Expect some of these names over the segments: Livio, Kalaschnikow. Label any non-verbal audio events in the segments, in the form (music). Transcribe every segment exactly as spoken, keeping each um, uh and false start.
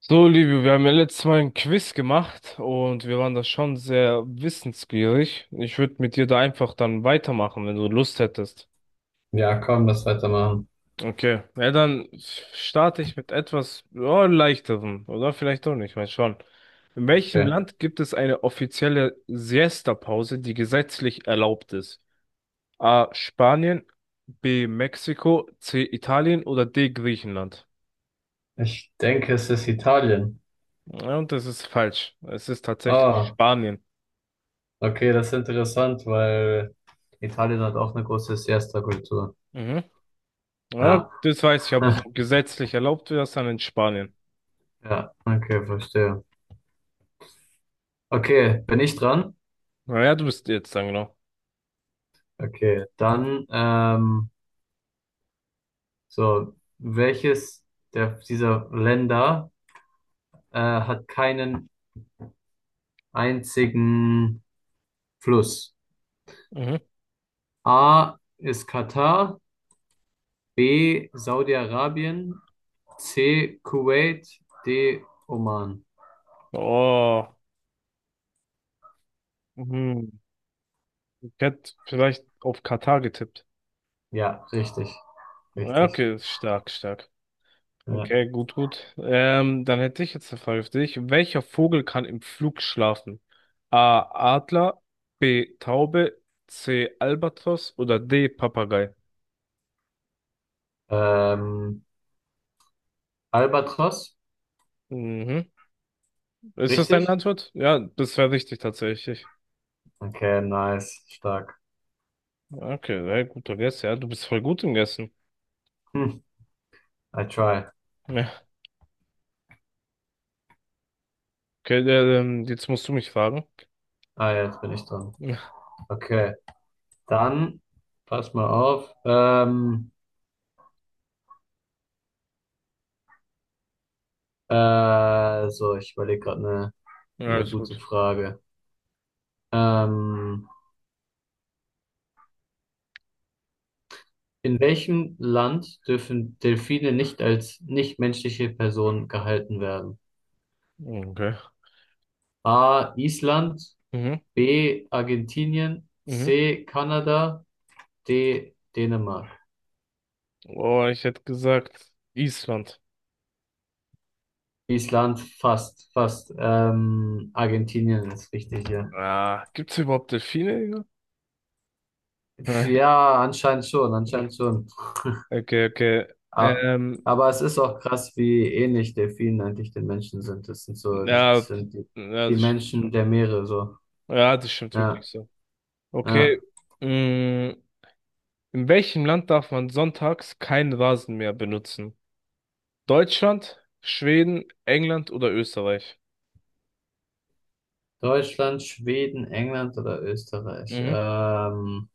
So, Livio, wir haben ja letztes Mal ein Quiz gemacht und wir waren da schon sehr wissensgierig. Ich würde mit dir da einfach dann weitermachen, wenn du Lust hättest. Ja, komm, lass weitermachen. Okay, ja, dann starte ich mit etwas ja, leichterem, oder vielleicht auch nicht, mal schauen. In welchem Okay. Land gibt es eine offizielle Siesta-Pause, die gesetzlich erlaubt ist? A. Spanien, B. Mexiko, C. Italien oder D. Griechenland? Ich denke, es ist Italien. Ja, und das ist falsch. Es ist tatsächlich Ah, Spanien. okay, das ist interessant, weil Italien hat auch eine große Siesta-Kultur. Mhm. Ja, Ja, das weiß ich, aber so (laughs) gesetzlich erlaubt wird das dann in Spanien. ja, okay, verstehe. Okay, bin ich dran? Naja, du bist jetzt dann genau. Okay, dann, ähm, so, welches der, dieser Länder äh, hat keinen einzigen Fluss? Mhm. A ist Katar, B Saudi-Arabien, C. Kuwait, D. Oman. Oh, mhm. Ich hätte vielleicht auf Katar getippt. Ja, richtig, Ja, richtig. okay, ist stark, stark. Ja. Okay, gut, gut. Ähm, dann hätte ich jetzt eine Frage für dich. Welcher Vogel kann im Flug schlafen? A. Adler, B. Taube, C. Albatros oder D. Papagei? Ähm, Albatros, Mhm. Ist das deine richtig? Antwort? Ja, das wäre richtig tatsächlich. Okay, nice, stark. Okay, sehr guter Guess. Ja, du bist voll gut im Guessen. Hm, I try. Ja. Okay, äh, ähm, jetzt musst du mich fragen. Ah, jetzt bin ich dran. Ja, Okay, dann pass mal auf. Ähm, äh, so, ich überlege gerade eine eine alles gute gut. Frage. Ähm, in welchem Land dürfen Delfine nicht als nichtmenschliche Personen gehalten werden? Okay. A. Island, Mhm, B. Argentinien, mhm. C. Kanada, D. Dänemark. Oh, ich hätte gesagt, Island. Island fast, fast. Ähm, Argentinien ist richtig hier. Ah, gibt's überhaupt Delfine? Digga? Nein. Ja, anscheinend schon, Ja. anscheinend schon. Okay, okay. A- Ähm, Aber es ist auch krass, wie ähnlich Delfinen eigentlich den Menschen sind. Das sind so, das ja, sind die, ja, die das stimmt schon. Menschen der Meere so. Ja, das stimmt wirklich Ja, so. Okay. ja. mm, in welchem Land darf man sonntags keinen Rasen mehr benutzen? Deutschland, Schweden, England oder Österreich? Deutschland, Schweden, England oder Österreich? Mhm. Ähm,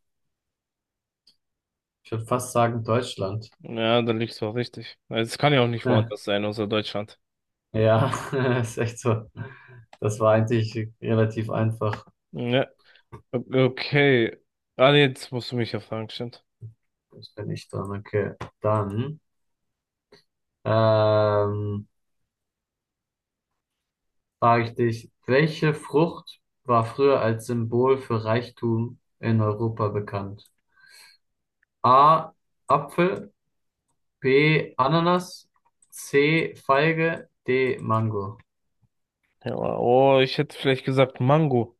ich würde fast sagen Deutschland. Ja, da liegst du auch richtig. Also, es kann ja auch nicht woanders (laughs) sein, außer Deutschland. Ja, (laughs) ist echt so. Das war eigentlich relativ einfach. Ja, okay. Ah, nee, jetzt musst du mich ja fragen, stimmt. Das bin ich dran. Okay, dann ähm, frage ich dich, welche Frucht war früher als Symbol für Reichtum in Europa bekannt? A. Apfel, B. Ananas, C. Feige, D. Mango. Ja, oh, ich hätte vielleicht gesagt Mango.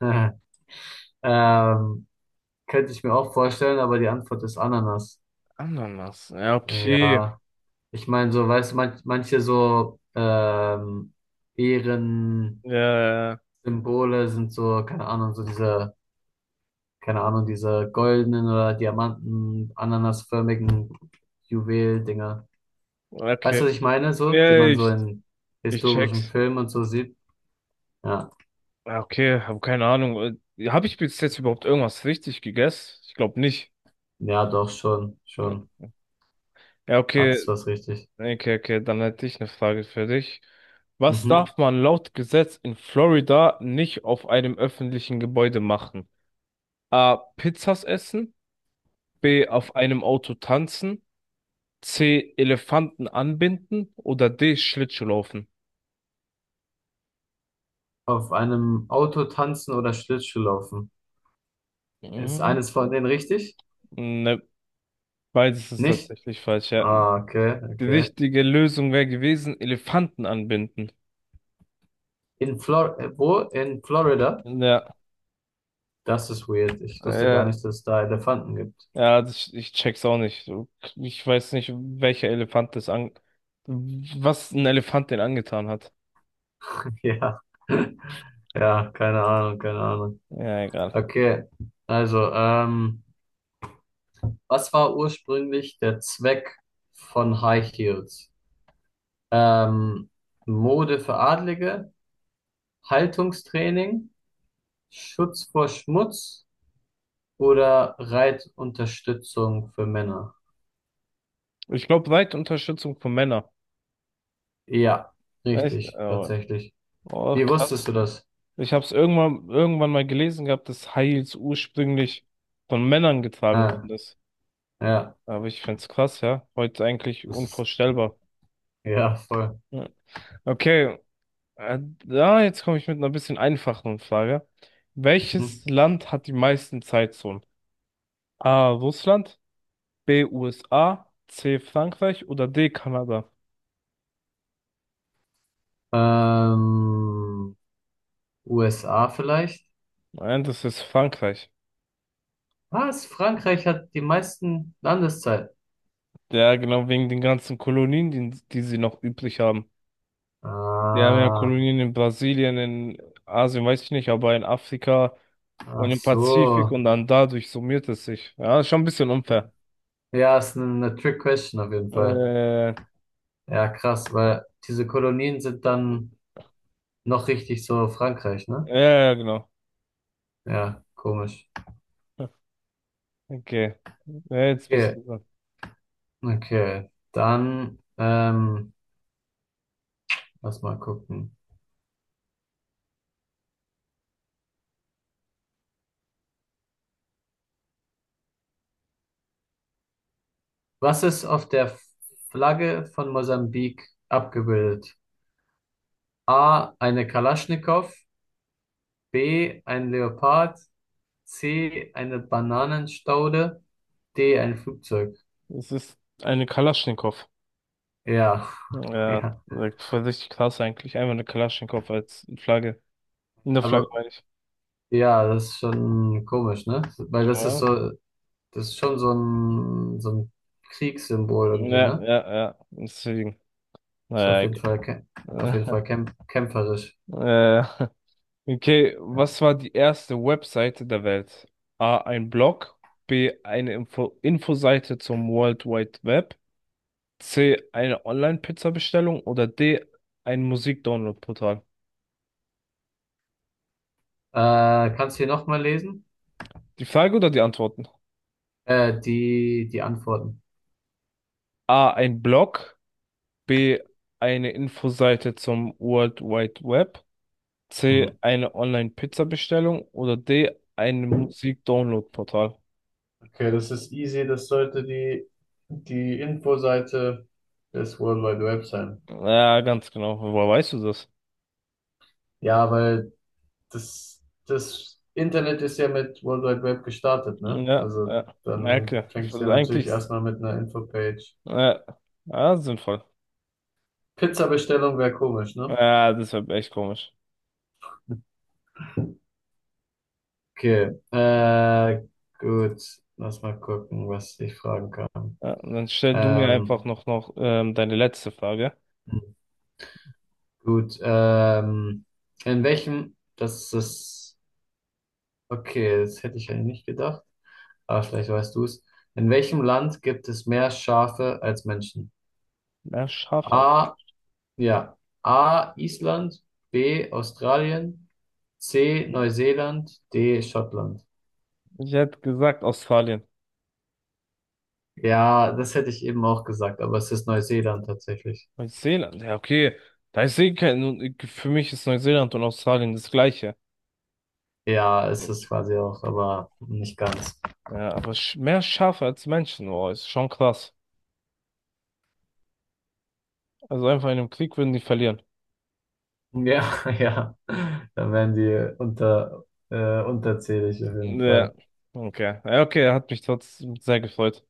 (laughs) Ähm, könnte ich mir auch vorstellen, aber die Antwort ist Ananas. Ananas. Ja, okay. Ja. Ich meine, so, weißt du, manch, manche so ähm, Ehrensymbole Ja, ja, sind so, keine Ahnung, so diese, keine Ahnung, diese goldenen oder Diamanten, ananasförmigen Juwel-Dinger. ja. Weißt Okay. du, was ich meine, so, die Ja, man so ich, in ich historischen check's. Filmen und so sieht? Ja, Ja, okay, habe keine Ahnung. Äh, Hab ich bis jetzt überhaupt irgendwas richtig gegessen? Ich glaube nicht. ja, doch, schon, Ja, schon. ja, okay. Hat's was richtig. Okay, okay, dann hätte ich eine Frage für dich. Was Mhm. darf man laut Gesetz in Florida nicht auf einem öffentlichen Gebäude machen? A. Pizzas essen, B. auf einem Auto tanzen, C. Elefanten anbinden oder D. Schlittschuh laufen? Auf einem Auto tanzen oder Schlittschuh laufen. Ist Mhm. eines von denen richtig? Ne, beides ist Nicht? tatsächlich falsch, ja. Ah, okay, Die okay. richtige Lösung wäre gewesen, Elefanten anbinden. In Flor äh, wo? In Florida? Ja, Das ist weird. Ich wusste gar äh, nicht, dass es da Elefanten gibt. Ja, das, ich check's auch nicht. So, ich weiß nicht, welcher Elefant das an, was ein Elefant den angetan hat. (laughs) Ja. (laughs) Ja, keine Ahnung, keine Ahnung. Ja, egal. Okay. Also, ähm, was war ursprünglich der Zweck von High Heels? Ähm, Mode für Adlige, Haltungstraining, Schutz vor Schmutz oder Reitunterstützung für Männer? Ich glaube, breite Unterstützung von Männern. Ja, Echt? richtig, Oh, tatsächlich. oh, Wie wusstest krass. du das? Ich habe es irgendwann, irgendwann mal gelesen gehabt, dass High Heels ursprünglich von Männern getragen Ah, worden ist. ja, Aber ich find's krass, ja. Heute eigentlich das ist unvorstellbar. Ja, voll. Ja. Okay, äh, da jetzt komme ich mit einer bisschen einfacheren Frage. Mhm. Welches Land hat die meisten Zeitzonen? A. Russland. B. U S A, C. Frankreich oder D. Kanada? Ähm, U S A vielleicht? Nein, das ist Frankreich. Was? Frankreich hat die meisten Landeszeiten. Ja, genau wegen den ganzen Kolonien, die, die sie noch übrig haben. Die haben ja Ah, Kolonien in Brasilien, in Asien, weiß ich nicht, aber in Afrika und ach im Pazifik so. und dann dadurch summiert es sich. Ja, ist schon ein bisschen unfair. Ja, ist eine, eine Trick Question auf jeden Fall. Äh, ja, Ja, krass, weil diese Kolonien sind dann noch richtig so Frankreich, ne? ja, genau. Ja, komisch. (laughs) Okay. Ja, jetzt bist Okay, du dran. okay. Dann, ähm, lass mal gucken. Was ist auf der Flagge von Mosambik abgebildet? A, eine Kalaschnikow, B, ein Leopard, C, eine Bananenstaude, D, ein Flugzeug. Es ist eine Kalaschnikow. Ja, (laughs) Ja, ja, voll richtig krass eigentlich. Einfach eine Kalaschnikow als Flagge. In der Flagge aber meine ich. ja, das ist schon komisch, ne? Weil das ist Ja. so, das ist schon so ein, so ein Kriegssymbol irgendwie, Ja, ne? ja, ja. Deswegen. Ist auf Naja, jeden Fall, kä- auf jeden egal. Fall kämp kämpferisch. äh, (laughs) äh, okay, was war die erste Webseite der Welt? A, ein Blog, B, eine Info Infoseite zum World Wide Web, C, eine Online-Pizza-Bestellung oder D, ein Musik-Download-Portal? Äh, kannst du hier nochmal lesen? Die Frage oder die Antworten? Äh, die, die Antworten. A, ein Blog, B, eine Infoseite zum World Wide Web, C, Hm. eine Online-Pizza-Bestellung oder D, ein Musik-Download-Portal? Okay, das ist easy. Das sollte die, die Infoseite des World Wide Web sein. Ja, ganz genau. Woher weißt du das? Ja, weil das, das Internet ist ja mit World Wide Web gestartet, ne? Ja, Also ja. Ja, dann okay. fängst du ja natürlich Eigentlich, erstmal mit einer Infopage. ja, ja, sinnvoll. Pizza-Bestellung wäre komisch, ne? Ja, das wäre echt komisch. Okay, äh, gut. Lass mal gucken, was ich fragen kann. Ja, dann stell du mir Ähm, einfach noch, noch ähm, deine letzte Frage. gut, ähm, in welchem, das ist, okay, das hätte ich eigentlich nicht gedacht. Ah, vielleicht weißt du es. In welchem Land gibt es mehr Schafe als Menschen? Ja, Schafheit. A, ja. A, Island, B, Australien, C, Neuseeland, D, Schottland. Ich hätte gesagt Australien. Ja, das hätte ich eben auch gesagt, aber es ist Neuseeland tatsächlich. Neuseeland. Ja, okay. Da ist eh kein, nun, für mich ist Neuseeland und Australien das Gleiche. Ja, es ist quasi auch, aber nicht ganz. Ja, aber sch- mehr Schafe als Menschen, oh, ist schon krass. Also einfach in einem Krieg würden die verlieren. Ja, (laughs) ja. Dann werden die unter, äh, unterzählig auf jeden Ja, Fall. okay. Ja, okay, hat mich trotzdem sehr gefreut.